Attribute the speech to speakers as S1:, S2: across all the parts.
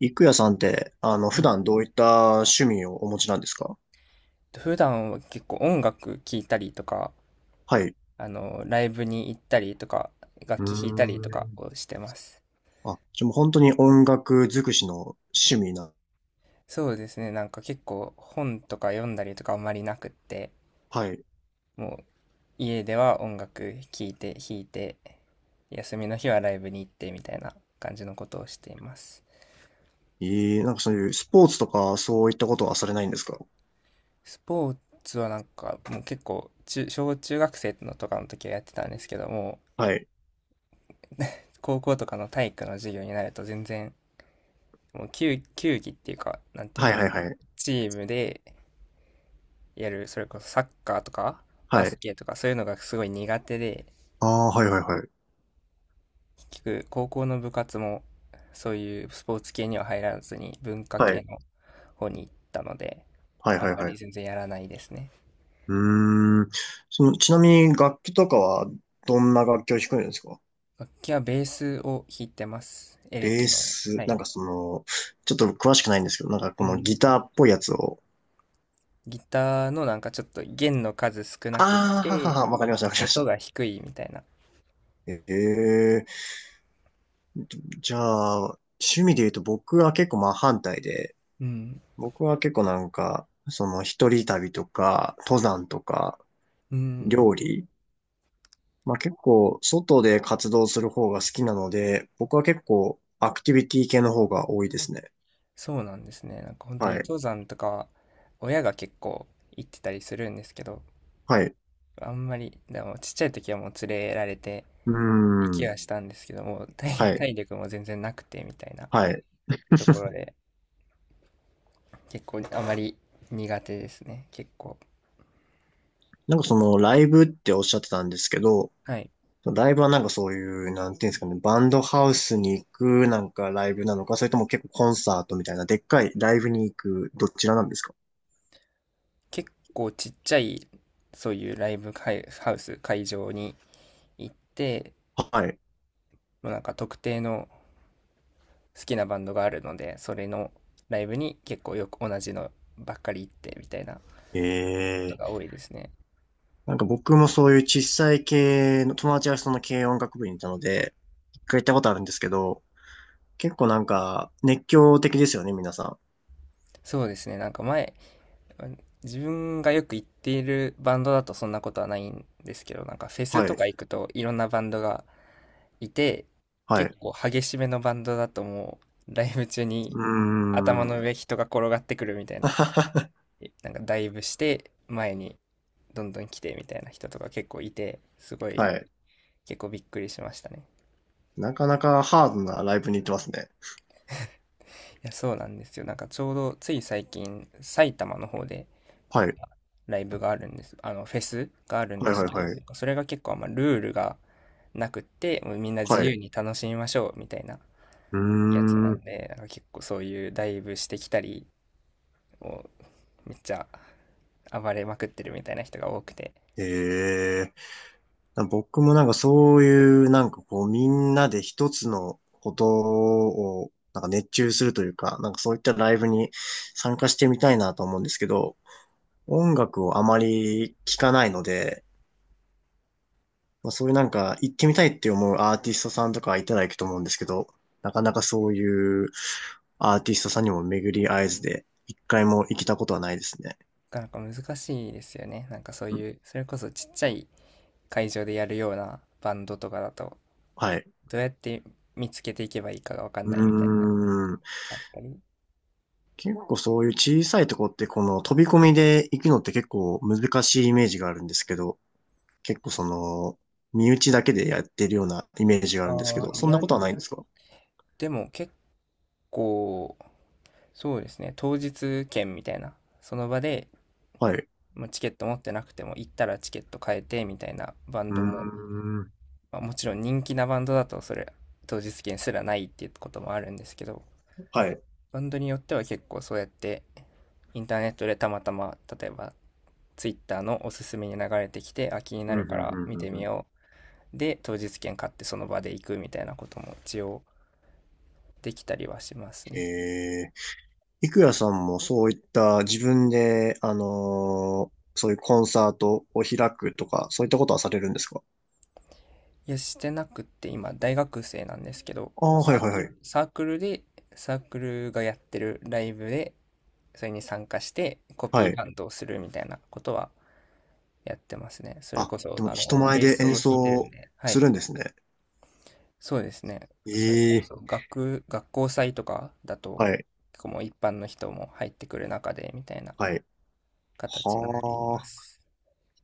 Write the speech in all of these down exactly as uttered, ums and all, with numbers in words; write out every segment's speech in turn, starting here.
S1: 郁也さんって、あの、
S2: は
S1: 普
S2: い。
S1: 段どういった趣味をお持ちなんですか？
S2: 普段は結構音楽聴いたりとか、
S1: はい。
S2: あの、ライブに行ったりとか、
S1: う
S2: 楽
S1: ー
S2: 器弾いたりとか
S1: ん。
S2: をしてます。
S1: あ、じゃあもう本当に音楽尽くしの趣味な。
S2: そうですね、なんか結構本とか読んだりとかあんまりなくって、
S1: はい。
S2: もう家では音楽聴いて弾いて、休みの日はライブに行ってみたいな感じのことをしています。
S1: えー、なんかそういうスポーツとかそういったことはされないんですか？
S2: スポーツはなんかもう結構中、小中学生のとかの時はやってたんですけども、
S1: はい。
S2: 高校とかの体育の授業になると全然もう球、球技っていうか、なんていうん
S1: はい
S2: だろう。
S1: はいはい。
S2: チームでやる、それこそサッカーとか、バ
S1: は
S2: ス
S1: い。
S2: ケとか、そういうのがすごい苦手で、
S1: ああ、はいはいはい。
S2: 結局、高校の部活も、そういうスポーツ系には入らずに、文化
S1: は
S2: 系
S1: い。
S2: の方に行ったので、
S1: はい
S2: あ
S1: は
S2: ん
S1: い
S2: ま
S1: は
S2: り
S1: い。
S2: 全然やらないですね。
S1: うーん。その、ちなみに楽器とかはどんな楽器を弾くんですか？
S2: 楽器はベースを弾いてます。エ
S1: ベ
S2: レ
S1: ー
S2: キの。
S1: ス、
S2: は
S1: なん
S2: い。
S1: かその、ちょっと詳しくないんですけど、なんか
S2: う
S1: この
S2: ん。
S1: ギターっぽいやつを。
S2: ギターのなんかちょっと弦の数少なくっ
S1: ああ、はは
S2: て、
S1: は、わかりましたわかりまし
S2: 音
S1: た。
S2: が低いみたいな。
S1: ええじゃあ、趣味で言うと僕は結構真反対で、
S2: うん。
S1: 僕は結構なんか、その一人旅とか、登山とか、
S2: うん。
S1: 料理、まあ結構外で活動する方が好きなので、僕は結構アクティビティ系の方が多いですね。
S2: そうなんですね。なんか本当
S1: は
S2: に
S1: い。
S2: 登山とかは親が結構行ってたりするんですけど、
S1: はい。
S2: あんまり、でもちっちゃい時はもう連れられて
S1: うー
S2: 行き
S1: ん。
S2: はしたんですけども、体、
S1: はい。
S2: 体力も全然なくてみたいな
S1: はい。
S2: ところで、結構あまり苦手ですね。結構。
S1: なんかそのライブっておっしゃってたんですけど、
S2: はい。
S1: ライブはなんかそういう、なんていうんですかね、バンドハウスに行くなんかライブなのか、それとも結構コンサートみたいな、でっかいライブに行く、どちらなんですか？
S2: 結構ちっちゃい、そういうライブ会ハウス、会場に行って、
S1: はい。
S2: もうなんか特定の好きなバンドがあるので、それのライブに結構よく同じのばっかり行ってみたいなこと
S1: ええ
S2: が多いですね。
S1: なんか僕もそういう小さい系の、友達がその軽音楽部にいたので、一回行ったことあるんですけど、結構なんか熱狂的ですよね、皆さ
S2: そうですね。なんか前、自分がよく行っているバンドだとそんなことはないんですけど、なんかフェ
S1: ん。
S2: ス
S1: は
S2: と
S1: い。
S2: か行くといろんなバンドがいて、
S1: は
S2: 結
S1: い。
S2: 構激しめのバンドだともうライブ中に
S1: う
S2: 頭
S1: ー
S2: の
S1: ん。
S2: 上人が転がってくるみたいな、えなんかダイブして前にどんどん来てみたいな人とか結構いて、すごい
S1: はい。
S2: 結構びっくりしましたね。
S1: なかなかハードなライブに行ってますね。
S2: いや、そうなんですよ。なんかちょうどつい最近、埼玉の方であ
S1: は
S2: っ
S1: い。
S2: たライブがあるんです。あの、フェスがあるん
S1: は
S2: で
S1: いは
S2: す
S1: い
S2: けど、
S1: は
S2: な
S1: い。
S2: んかそれが結構あんまルールがなくって、もうみんな自
S1: は
S2: 由
S1: い。
S2: に楽しみましょうみたいな
S1: うー
S2: やつなん
S1: ん。
S2: で、なんか結構そういうダイブしてきたり、もうめっちゃ暴れまくってるみたいな人が多くて、
S1: ええな僕もなんかそういうなんかこうみんなで一つのことをなんか熱中するというか、なんかそういったライブに参加してみたいなと思うんですけど、音楽をあまり聞かないので、まあ、そういうなんか行ってみたいって思うアーティストさんとかいたら行くと思うんですけど、なかなかそういうアーティストさんにも巡り合えずで、一回も行けたことはないですね。
S2: なかなか難しいですよね。なんかそう
S1: うん。
S2: いう、それこそちっちゃい会場でやるようなバンドとかだと、
S1: はい。
S2: どうやって見つけていけばいいかがわかん
S1: う
S2: ないみたいな
S1: ーん。
S2: あったり。
S1: 結構そういう小さいとこってこの飛び込みで行くのって結構難しいイメージがあるんですけど、結構その、身内だけでやってるようなイメージがあるんですけ
S2: ああ、
S1: ど、
S2: い
S1: そんな
S2: や、
S1: ことはないんですか？
S2: でも結構、そうですね、当日券みたいな、その場で、
S1: はい。
S2: まあ、チケット持ってなくても、行ったらチケット買えてみたいなバン
S1: うー
S2: ドも、
S1: ん。
S2: まあ、もちろん人気なバンドだと、それ、当日券すらないっていうこともあるんですけど、
S1: はい。
S2: バンドによっては結構そうやって、インターネットでたまたま、例えば、ツイッターのおすすめに流れてきて、あ、気にな
S1: うん、う
S2: る
S1: ん、う
S2: から
S1: ん、
S2: 見
S1: うん
S2: て
S1: う
S2: み
S1: ん。
S2: よう。で、当日券買ってその場で行くみたいなことも一応できたりはします
S1: え
S2: ね。
S1: え、いくやさんもそういった自分で、あのーそういうコンサートを開くとか、そういったことはされるんですか？
S2: いや、してなくって今大学生なんですけど、
S1: ああ、は
S2: サ
S1: い
S2: ー
S1: はい
S2: ク
S1: は
S2: ル、
S1: い。
S2: サークルで、サークルがやってるライブで、それに参加してコピ
S1: は
S2: ー
S1: い。
S2: バンドをするみたいなことはやってますね。それ
S1: あ、
S2: こそ、
S1: でも
S2: あ
S1: 人
S2: の、
S1: 前
S2: ベー
S1: で
S2: スを
S1: 演
S2: 弾いてるん
S1: 奏
S2: で、は
S1: す
S2: い。
S1: るんですね。
S2: そうですね。それ
S1: え
S2: こ
S1: え。
S2: そ学、学校祭とかだと、
S1: はい。
S2: 結構もう一般の人も入ってくる中で、みたいな
S1: はい。
S2: 形になり
S1: は
S2: ま
S1: あ。
S2: す。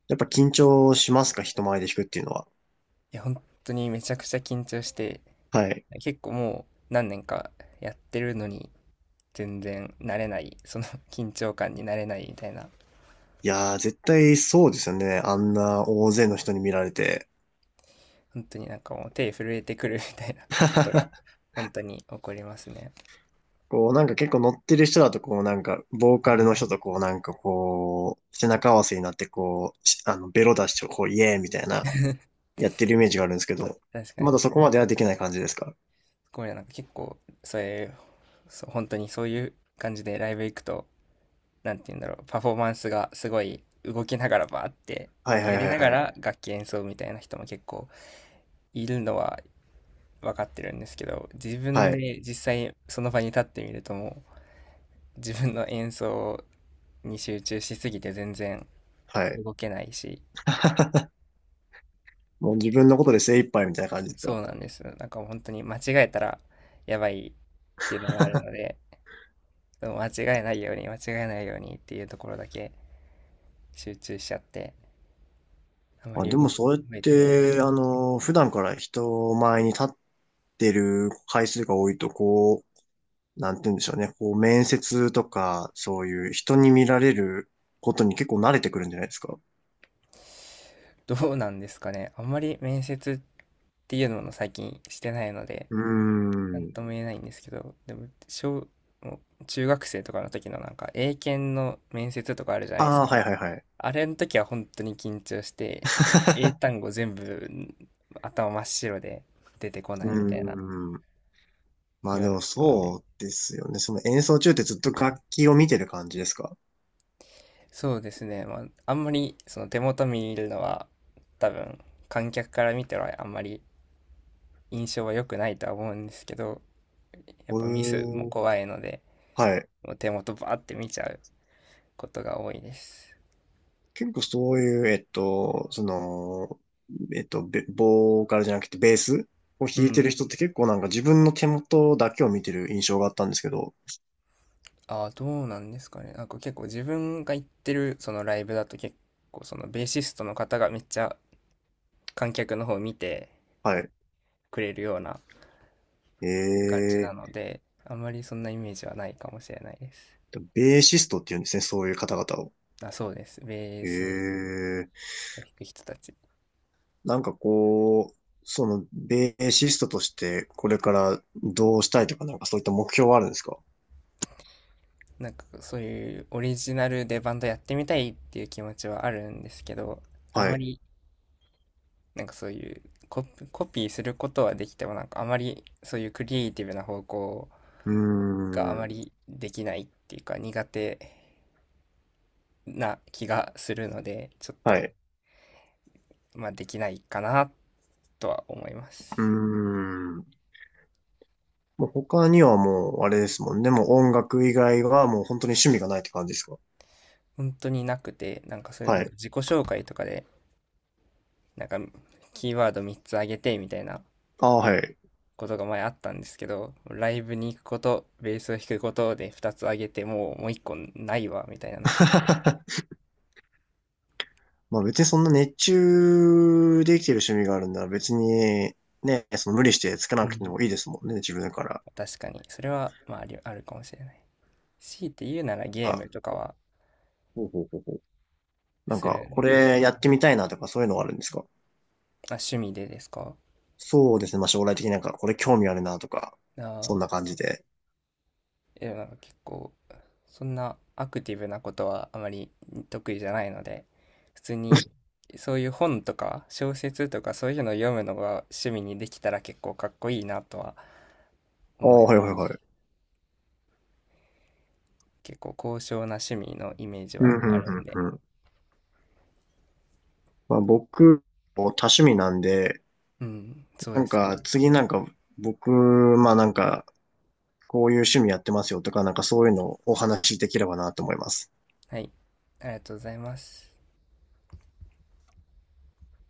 S1: やっぱ緊張しますか？人前で弾くっていうのは。
S2: いや、本当にめちゃくちゃ緊張して、
S1: はい。
S2: 結構もう何年かやってるのに、全然慣れないその 緊張感に慣れないみたいな、
S1: いやー、絶対そうですよね。あんな大勢の人に見られて。
S2: 本当になんかもう手震えてくるみたいな ことが 本当に起こりますね。
S1: こう、なんか結構乗ってる人だと、こう、なんか、ボー
S2: う
S1: カル
S2: ん、
S1: の人とこう、なんかこう、背中合わせになって、こう、しあの、ベロ出して、こう、イエーイみたいな、やってるイメージがあるんですけど、
S2: 確か
S1: まだ
S2: に、
S1: そこまではできない感じですか？
S2: これなんか結構そういうそう、本当にそういう感じでライブ行くと、なんて言うんだろう、パフォーマンスがすごい動きながらバーって
S1: はいはい
S2: や
S1: は
S2: り
S1: い
S2: なが
S1: はい。
S2: ら楽器演奏みたいな人も結構いるのは分かってるんですけど、自分
S1: はい。
S2: で実際その場に立ってみるともう自分の演奏に集中しすぎて全然
S1: はい。
S2: 動けないし、
S1: もう自分のことで精一杯みたいな感じです
S2: そ
S1: か？
S2: うなんです。なんか本当に間違えたらやばいっていうのもあるの で、でも間違えないように、間違えないようにっていうところだけ集中しちゃって、あま
S1: あ、
S2: り
S1: で
S2: 動
S1: もそうやっ
S2: いたりはで
S1: て、
S2: き
S1: あの、普段から人前に立ってる回数が多いと、こう、なんて言うんでしょうね。こう、面接とか、そういう人に見られることに結構慣れてくるんじゃないですか。
S2: ない。どうなんですかね。あんまり面接っていうのも最近してないので、
S1: うー
S2: なん
S1: ん。
S2: とも言えないんですけど、でも小、もう中学生とかの時のなんか英検の面接とかあるじゃないです
S1: ああ、
S2: か。
S1: はいはいはい。
S2: あれの時は本当に緊張して、もう英 単語全部頭真っ白で出てこ
S1: う
S2: ないみたいな、
S1: ーん。まあで
S2: 今の
S1: も
S2: ことなので。
S1: そうですよね。その演奏中ってずっと楽器を見てる感じですか？
S2: そうですね。まあ、あんまりその手元見るのは多分観客から見てはあんまり印象は良くないとは思うんですけど、やっ
S1: う
S2: ぱミスも
S1: ーん。
S2: 怖いので、
S1: はい。
S2: もう手元バーって見ちゃうことが多いです。
S1: 結構そういう、えっと、その、えっと、ベボーカルじゃなくてベースを
S2: う
S1: 弾いてる
S2: ん。
S1: 人って結構なんか自分の手元だけを見てる印象があったんですけど。
S2: ああ、どうなんですかね。なんか結構自分が行ってるそのライブだと結構そのベーシストの方がめっちゃ観客の方を見て
S1: はい。
S2: くれるような感じな
S1: え
S2: ので、あんまりそんなイメージはないかもしれないです。
S1: ー、ベーシストって言うんですね、そういう方々を。
S2: あ、そうです。ベー
S1: え
S2: ス
S1: ー。
S2: を弾く人たち。
S1: なんかこう、その、ベーシストとして、これからどうしたいとか、なんかそういった目標はあるんですか？
S2: なんかそういうオリジナルでバンドやってみたいっていう気持ちはあるんですけど、あん
S1: は
S2: ま
S1: い。
S2: りなんかそういうコピ、コピーすることはできてもなんかあまりそういうクリエイティブな方向
S1: うー
S2: があま
S1: ん。
S2: りできないっていうか苦手な気がするので、ちょっ
S1: は
S2: と
S1: い。
S2: まあできないかなとは思います。
S1: うーん。もう他にはもう、あれですもんね。もう音楽以外はもう本当に趣味がないって感じですか？
S2: 本当になくて、なんかそういう
S1: は
S2: なんか
S1: い。
S2: 自己紹介とかで、なんかキーワードみっつあげてみたいな
S1: ああ、はい。
S2: ことが前あったんですけど、ライブに行くこと、ベースを弾くことでふたつあげて、もうもういっこないわ、みたいになっちゃって。
S1: まあ別にそんな熱中できてる趣味があるんなら別に、ね、その無理してつけな
S2: う
S1: くて
S2: ん。
S1: もいいですもんね、自分から。
S2: 確かに、それは、まあ、ありあるかもしれない。強いて言うならゲー
S1: あ、
S2: ムとかは
S1: ほうほうほうほう。なん
S2: す
S1: か、
S2: る
S1: こ
S2: んです。
S1: れやってみたいなとかそういうのはあるんですか？
S2: まあ、趣味でですか？
S1: そうですね。まあ、将来的になんか、これ興味あるなとか、そん
S2: ああ、
S1: な感じで。
S2: でもなんか結構、そんなアクティブなことはあまり得意じゃないので、普通にそういう本とか小説とかそういうのを読むのが趣味にできたら結構かっこいいなとは
S1: ああ、
S2: 思いま
S1: はいはい
S2: す。
S1: はい。
S2: 結構高尚な趣味のイメージ
S1: うん、
S2: はあ
S1: うん、う
S2: るん
S1: ん、
S2: で。
S1: うん。まあ、僕、多趣味なんで、
S2: うん、そう
S1: な
S2: で
S1: ん
S2: すよ
S1: か、
S2: ね。
S1: 次なんか、僕、まあなんか、こういう趣味やってますよとか、なんかそういうのをお話しできればなと思います。
S2: はい。ありがとうございます。